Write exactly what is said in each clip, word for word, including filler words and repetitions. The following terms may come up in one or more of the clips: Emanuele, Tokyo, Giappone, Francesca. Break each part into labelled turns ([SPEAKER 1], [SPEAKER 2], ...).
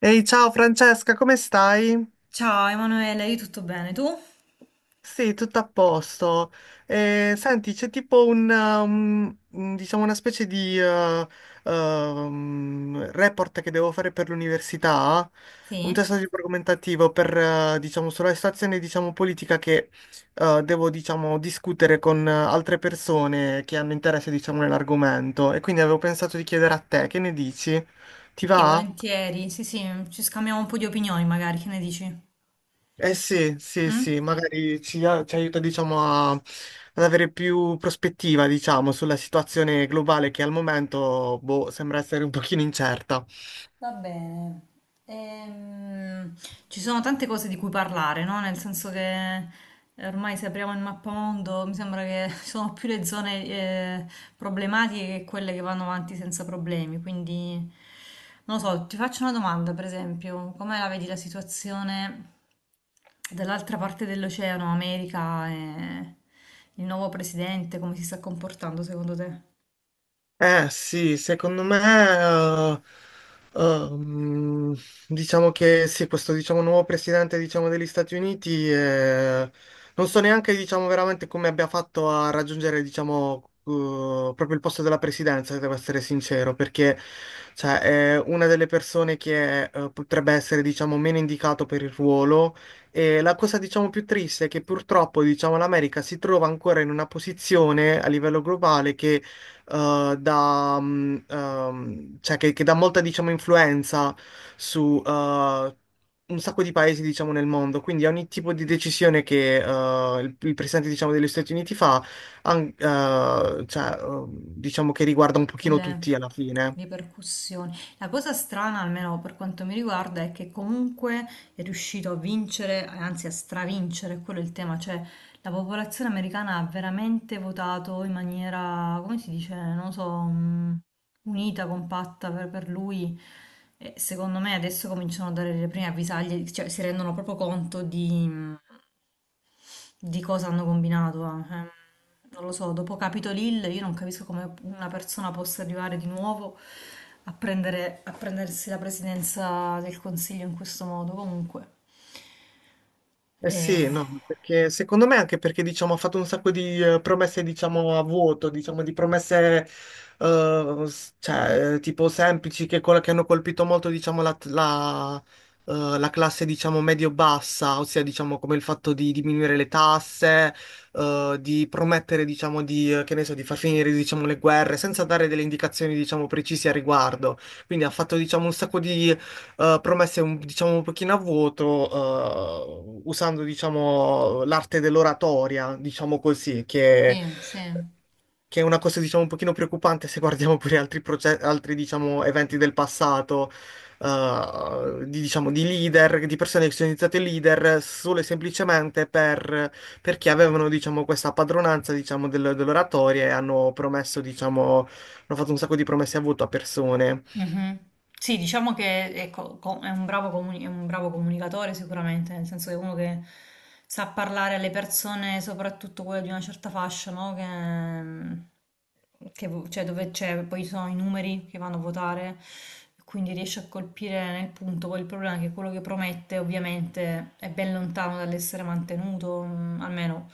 [SPEAKER 1] Ehi, ciao Francesca, come stai?
[SPEAKER 2] Ciao Emanuele, io tutto bene, tu?
[SPEAKER 1] Sì, tutto a posto. Eh, senti, c'è tipo un, um, un- diciamo una specie di eh, um, report che devo fare per l'università, un
[SPEAKER 2] Sì?
[SPEAKER 1] testo di argomentativo per, eh, diciamo, sulla situazione, diciamo, politica che eh, devo, diciamo, discutere con eh, altre persone che hanno interesse, diciamo, nell'argomento. E quindi avevo pensato di chiedere a te, che ne dici? Ti
[SPEAKER 2] Sì,
[SPEAKER 1] va?
[SPEAKER 2] volentieri, sì sì, ci scambiamo un po' di opinioni magari, che ne dici?
[SPEAKER 1] Eh sì, sì,
[SPEAKER 2] Mm?
[SPEAKER 1] sì, magari ci, a- ci aiuta, diciamo, a- ad avere più prospettiva, diciamo, sulla situazione globale che al momento, boh, sembra essere un pochino incerta.
[SPEAKER 2] Va bene. Ehm, Ci sono tante cose di cui parlare, no? Nel senso che eh, ormai se apriamo il mappamondo mi sembra che ci sono più le zone eh, problematiche che quelle che vanno avanti senza problemi. Quindi, non lo so, ti faccio una domanda, per esempio, come la vedi la situazione dall'altra parte dell'oceano, America e il nuovo presidente, come si sta comportando secondo te?
[SPEAKER 1] Eh sì, secondo me, eh, ehm, diciamo che sì, questo diciamo, nuovo presidente diciamo, degli Stati Uniti, eh, non so neanche diciamo, veramente come abbia fatto a raggiungere diciamo, eh, proprio il posto della presidenza, se devo essere sincero, perché cioè, è una delle persone che eh, potrebbe essere diciamo, meno indicato per il ruolo. E la cosa, diciamo, più triste è che purtroppo, diciamo, l'America si trova ancora in una posizione a livello globale che eh, da, mm, ehm, cioè che, che dà molta, diciamo, influenza su eh, un sacco di paesi, diciamo, nel mondo. Quindi ogni tipo di decisione che eh, il, il presidente, diciamo, degli Stati Uniti fa, an- eh, cioè, eh, diciamo che riguarda un pochino
[SPEAKER 2] Le
[SPEAKER 1] tutti alla fine.
[SPEAKER 2] ripercussioni. La cosa strana, almeno per quanto mi riguarda, è che comunque è riuscito a vincere, anzi a stravincere, quello è il tema, cioè la popolazione americana ha veramente votato in maniera, come si dice, non lo so, mm, unita, compatta per, per lui. E secondo me adesso cominciano a dare le prime avvisaglie, cioè si rendono proprio conto di, mm, di cosa hanno combinato? Eh, Ehm, non lo so, dopo Capitol Hill io non capisco come una persona possa arrivare di nuovo a prendere- a prendersi la presidenza del Consiglio in questo modo. Comunque,
[SPEAKER 1] Eh sì,
[SPEAKER 2] eh,
[SPEAKER 1] no, perché secondo me anche perché diciamo, ha fatto un sacco di eh, promesse diciamo, a vuoto, diciamo, di promesse eh, s- cioè, eh, tipo semplici che, col- che hanno colpito molto diciamo, la, la- eh, la classe diciamo, medio-bassa, ossia diciamo, come il fatto di diminuire le tasse, eh, di promettere diciamo, di, eh, che ne so, di far finire diciamo, le guerre senza dare delle indicazioni diciamo, precise a riguardo. Quindi ha fatto diciamo, un sacco di eh, promesse un, diciamo un pochino a vuoto, eh, usando diciamo l'arte dell'oratoria, diciamo così, che,
[SPEAKER 2] sì, sì.
[SPEAKER 1] che è una cosa diciamo un pochino preoccupante se guardiamo pure altri, proce- altri diciamo eventi del passato. eh, di, diciamo, di leader, di persone che sono diventate leader solo e semplicemente per, perché avevano, diciamo, questa padronanza, diciamo, del- dell'oratoria e hanno promesso, diciamo, hanno fatto un sacco di promesse a voto a persone.
[SPEAKER 2] Mhm. Sì, diciamo che ecco, co- è un bravo comuni- è un bravo comunicatore sicuramente, nel senso che è uno che sa parlare alle persone, soprattutto quelle di una certa fascia, no? Che, mm, che vo- cioè, dove c'è, poi ci sono i numeri che vanno a votare, quindi riesce a colpire nel punto. Poi il problema è che quello che promette ovviamente è ben lontano dall'essere mantenuto, mm, almeno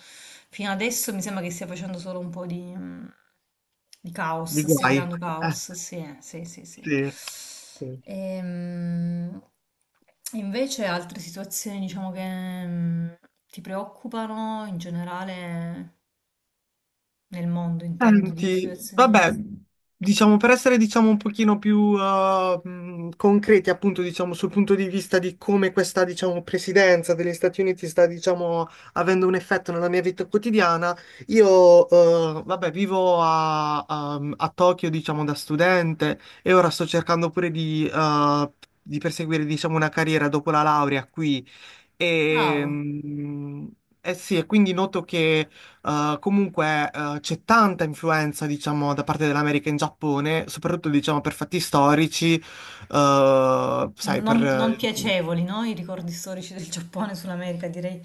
[SPEAKER 2] fino adesso mi sembra che stia facendo solo un po' di... mm, il
[SPEAKER 1] Di
[SPEAKER 2] caos, stia
[SPEAKER 1] guai.
[SPEAKER 2] creando
[SPEAKER 1] Eh.
[SPEAKER 2] caos, sì, eh, sì, sì, sì.
[SPEAKER 1] Sì. Sì.
[SPEAKER 2] Ehm, Invece altre situazioni, diciamo, che mm, ti preoccupano in generale nel mondo, intendo, di
[SPEAKER 1] Senti,
[SPEAKER 2] situazioni.
[SPEAKER 1] vabbè, diciamo per essere diciamo un pochino più uh, mh, concreti appunto diciamo sul punto di vista di come questa diciamo presidenza degli Stati Uniti sta diciamo avendo un effetto nella mia vita quotidiana, io uh, vabbè vivo a, a- mm, a Tokyo diciamo da studente e ora sto cercando pure di, uh, di perseguire diciamo una carriera dopo la laurea qui e,
[SPEAKER 2] Bravo.
[SPEAKER 1] mm, eh sì, e quindi noto che eh, comunque, eh, c'è tanta influenza, diciamo, da parte dell'America in Giappone, soprattutto, diciamo, per fatti storici, eh, sai,
[SPEAKER 2] non, non
[SPEAKER 1] per,
[SPEAKER 2] piacevoli, no? I ricordi storici del Giappone sull'America, direi.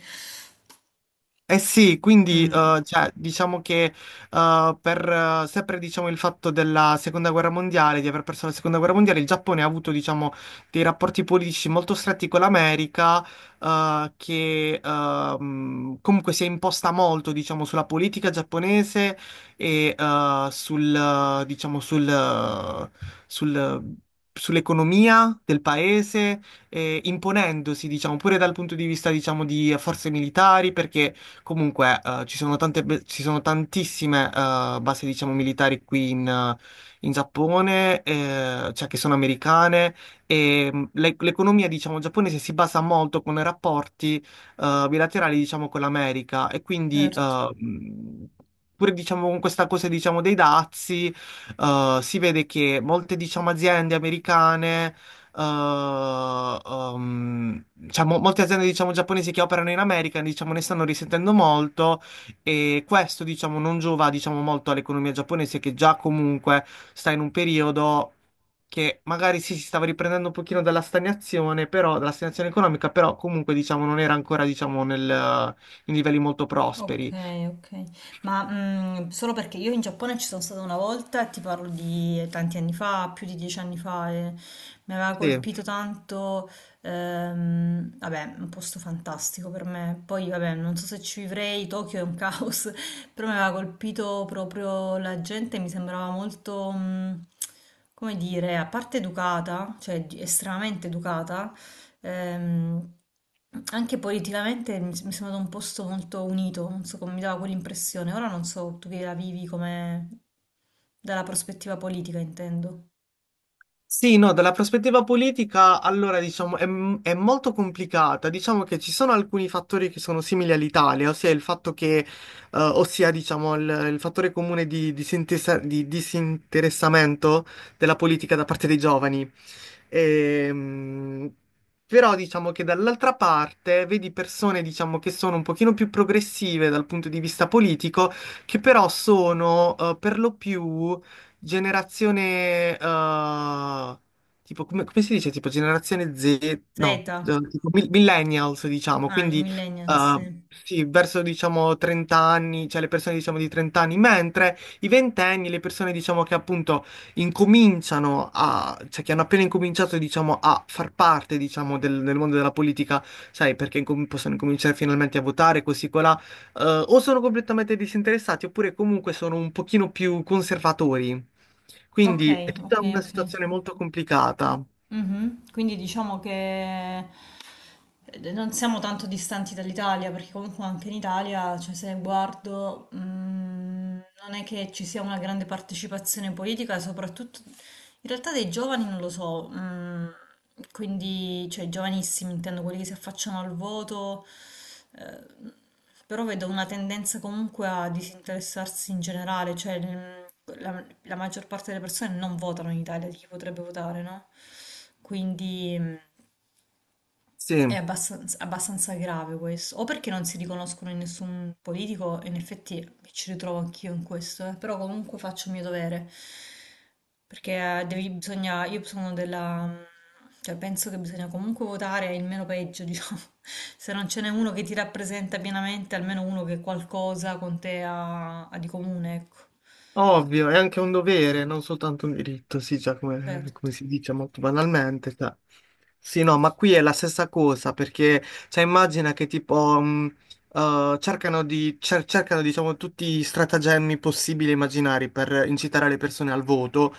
[SPEAKER 1] eh sì, quindi
[SPEAKER 2] Mm,
[SPEAKER 1] eh, cioè, diciamo che eh, per eh, sempre diciamo, il fatto della seconda guerra mondiale, di aver perso la seconda guerra mondiale, il Giappone ha avuto diciamo, dei rapporti politici molto stretti con l'America, eh, che ehm, comunque si è imposta molto diciamo, sulla politica giapponese e eh, sul, eh, diciamo, sul, eh, sul- eh, sull'economia del paese eh, imponendosi, diciamo, pure dal punto di vista, diciamo, di forze militari, perché comunque, eh, ci sono tante be- ci sono tantissime eh, basi, diciamo, militari qui in, eh, in Giappone, eh, cioè che sono americane, e mh, l'e- l'economia, diciamo, giapponese si basa molto con i rapporti eh, bilaterali, diciamo, con l'America, e quindi,
[SPEAKER 2] certo.
[SPEAKER 1] eh, mh, pure, diciamo, con questa cosa, diciamo, dei dazi, eh, si vede che molte, diciamo, aziende americane eh, ehm, diciamo, molte aziende diciamo, giapponesi che operano in America diciamo, ne stanno risentendo molto e questo diciamo, non giova diciamo, molto all'economia giapponese che già comunque sta in un periodo che magari sì, si stava riprendendo un pochino dalla stagnazione, però, dalla stagnazione economica, però comunque diciamo, non era ancora diciamo, nel- in livelli molto prosperi.
[SPEAKER 2] Okay, okay. Ma, mhmm, solo perché io in Giappone ci sono stata una volta e ti parlo di tanti anni fa, più di dieci anni fa e mi aveva
[SPEAKER 1] Sì.
[SPEAKER 2] colpito tanto, ehm, vabbè, un posto fantastico per me. Poi vabbè, non so se ci vivrei, Tokyo è un caos, però mi aveva colpito proprio la gente, mi sembrava molto, mhmm, come dire, a parte educata, cioè di- estremamente educata. Ehm, Anche politicamente mi, mi sembra un posto molto unito, non so come mi dava quell'impressione. Ora non so tu che la vivi come dalla prospettiva politica, intendo.
[SPEAKER 1] Sì, no, dalla prospettiva politica, allora diciamo è, è molto complicata. Diciamo che ci sono alcuni fattori che sono simili all'Italia, ossia il fatto che, eh, ossia diciamo il, il fattore comune di, di sintesa- di disinteressamento della politica da parte dei giovani. Ehm, però diciamo che dall'altra parte vedi persone, diciamo, che sono un pochino più progressive dal punto di vista politico, che però sono eh, per lo più generazione... eh, tipo, come, come si dice? Tipo generazione Z, no,
[SPEAKER 2] Z, ah,
[SPEAKER 1] eh, tipo mi- millennials, diciamo,
[SPEAKER 2] i
[SPEAKER 1] quindi
[SPEAKER 2] millennials, sì.
[SPEAKER 1] eh, sì, verso diciamo trenta anni, cioè le persone diciamo di trenta anni, mentre i ventenni, le persone diciamo che appunto incominciano a, cioè che hanno appena incominciato, diciamo, a far parte, diciamo, del, del mondo della politica, sai, perché incom- possono incominciare finalmente a votare, così colà, eh, o sono completamente disinteressati, oppure comunque sono un pochino più conservatori.
[SPEAKER 2] Ok,
[SPEAKER 1] Quindi è
[SPEAKER 2] ok,
[SPEAKER 1] tutta una
[SPEAKER 2] ok.
[SPEAKER 1] situazione molto complicata.
[SPEAKER 2] Mhm. Quindi diciamo che eh, non siamo tanto distanti dall'Italia, perché comunque anche in Italia, cioè se guardo, mm, non è che ci sia una grande partecipazione politica, soprattutto in realtà dei giovani non lo so, mm, quindi cioè i giovanissimi intendo quelli che si affacciano al voto, eh, però vedo una tendenza comunque a disinteressarsi in generale, cioè mm, la, la maggior parte delle persone non votano in Italia, di chi potrebbe votare, no? Quindi... mm, è
[SPEAKER 1] Sì.
[SPEAKER 2] abbastan- abbastanza, grave questo, o perché non si riconoscono in nessun politico, e in effetti mi ci ritrovo anch'io in questo, eh, Però comunque faccio il mio dovere, perché eh, devi- bisogna, io sono della, mm, cioè penso che bisogna comunque votare il meno peggio, diciamo, se non ce n'è uno che ti rappresenta pienamente, almeno uno che qualcosa con te ha, ha di comune, ecco,
[SPEAKER 1] Ovvio, è anche un dovere, non soltanto un diritto, sì, già come,
[SPEAKER 2] certo.
[SPEAKER 1] come si dice molto banalmente. Cioè. Sì, no, ma qui è la stessa cosa, perché, cioè, immagina che tipo, mh, eh, cercano di, cer- cercano, diciamo, tutti i stratagemmi possibili e immaginari per incitare le persone al voto,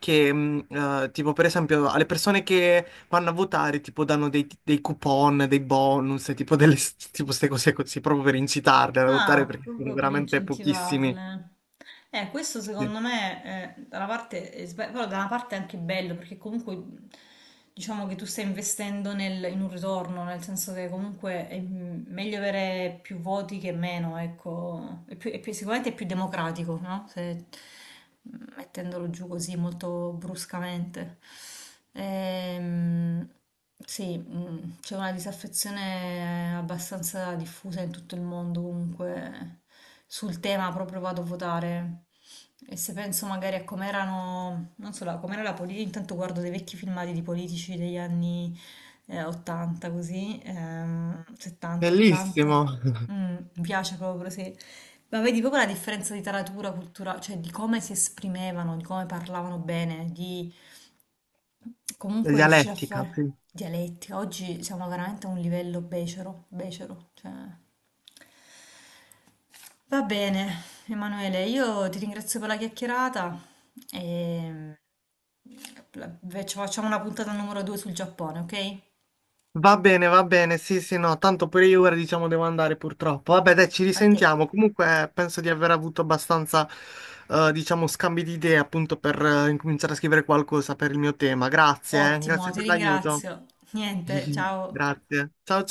[SPEAKER 1] che, mh, eh, tipo, per esempio, alle persone che vanno a votare, tipo, danno dei, dei coupon, dei bonus, e tipo, delle, tipo, queste cose così, proprio per incitarle a votare,
[SPEAKER 2] Ah,
[SPEAKER 1] perché sono
[SPEAKER 2] proprio per
[SPEAKER 1] veramente pochissimi.
[SPEAKER 2] incentivarle. Eh, questo
[SPEAKER 1] Sì.
[SPEAKER 2] secondo me, eh, da una parte è sba- però da una parte è anche bello perché comunque mh, diciamo che tu stai investendo nel- in un ritorno, nel senso che comunque è mh, meglio avere più voti che meno, ecco. È più- è più- sicuramente è più democratico, no? Se- mettendolo giù così molto bruscamente. Ehm, sì, mm, c'è una disaffezione abbastanza diffusa in tutto il mondo, comunque sul tema proprio vado a votare. E se penso magari a come erano, non so, la- com'era la politica, intanto guardo dei vecchi filmati di politici degli anni eh, ottanta, così, ehm, settanta, ottanta.
[SPEAKER 1] Bellissimo,
[SPEAKER 2] Mm, mi piace proprio, sì. Ma vedi proprio la differenza di taratura, cultura, cioè di come si esprimevano, di come parlavano bene, di
[SPEAKER 1] la
[SPEAKER 2] comunque riuscire a
[SPEAKER 1] dialettica, sì.
[SPEAKER 2] fare dialetti. Oggi siamo veramente a un livello becero, becero. Cioè. Va bene, Emanuele, io ti ringrazio per la chiacchierata e la- faccio- facciamo una puntata numero due sul Giappone, ok?
[SPEAKER 1] Va bene, va bene, sì, sì, no, tanto pure io ora diciamo devo andare purtroppo. Vabbè, dai, ci
[SPEAKER 2] Ok,
[SPEAKER 1] risentiamo. Comunque penso di aver avuto abbastanza, eh, diciamo, scambi di idee appunto per eh, incominciare a scrivere qualcosa per il mio tema. Grazie, eh,
[SPEAKER 2] ottimo,
[SPEAKER 1] grazie
[SPEAKER 2] ti
[SPEAKER 1] per l'aiuto.
[SPEAKER 2] ringrazio. Niente, ciao.
[SPEAKER 1] Grazie. Ciao.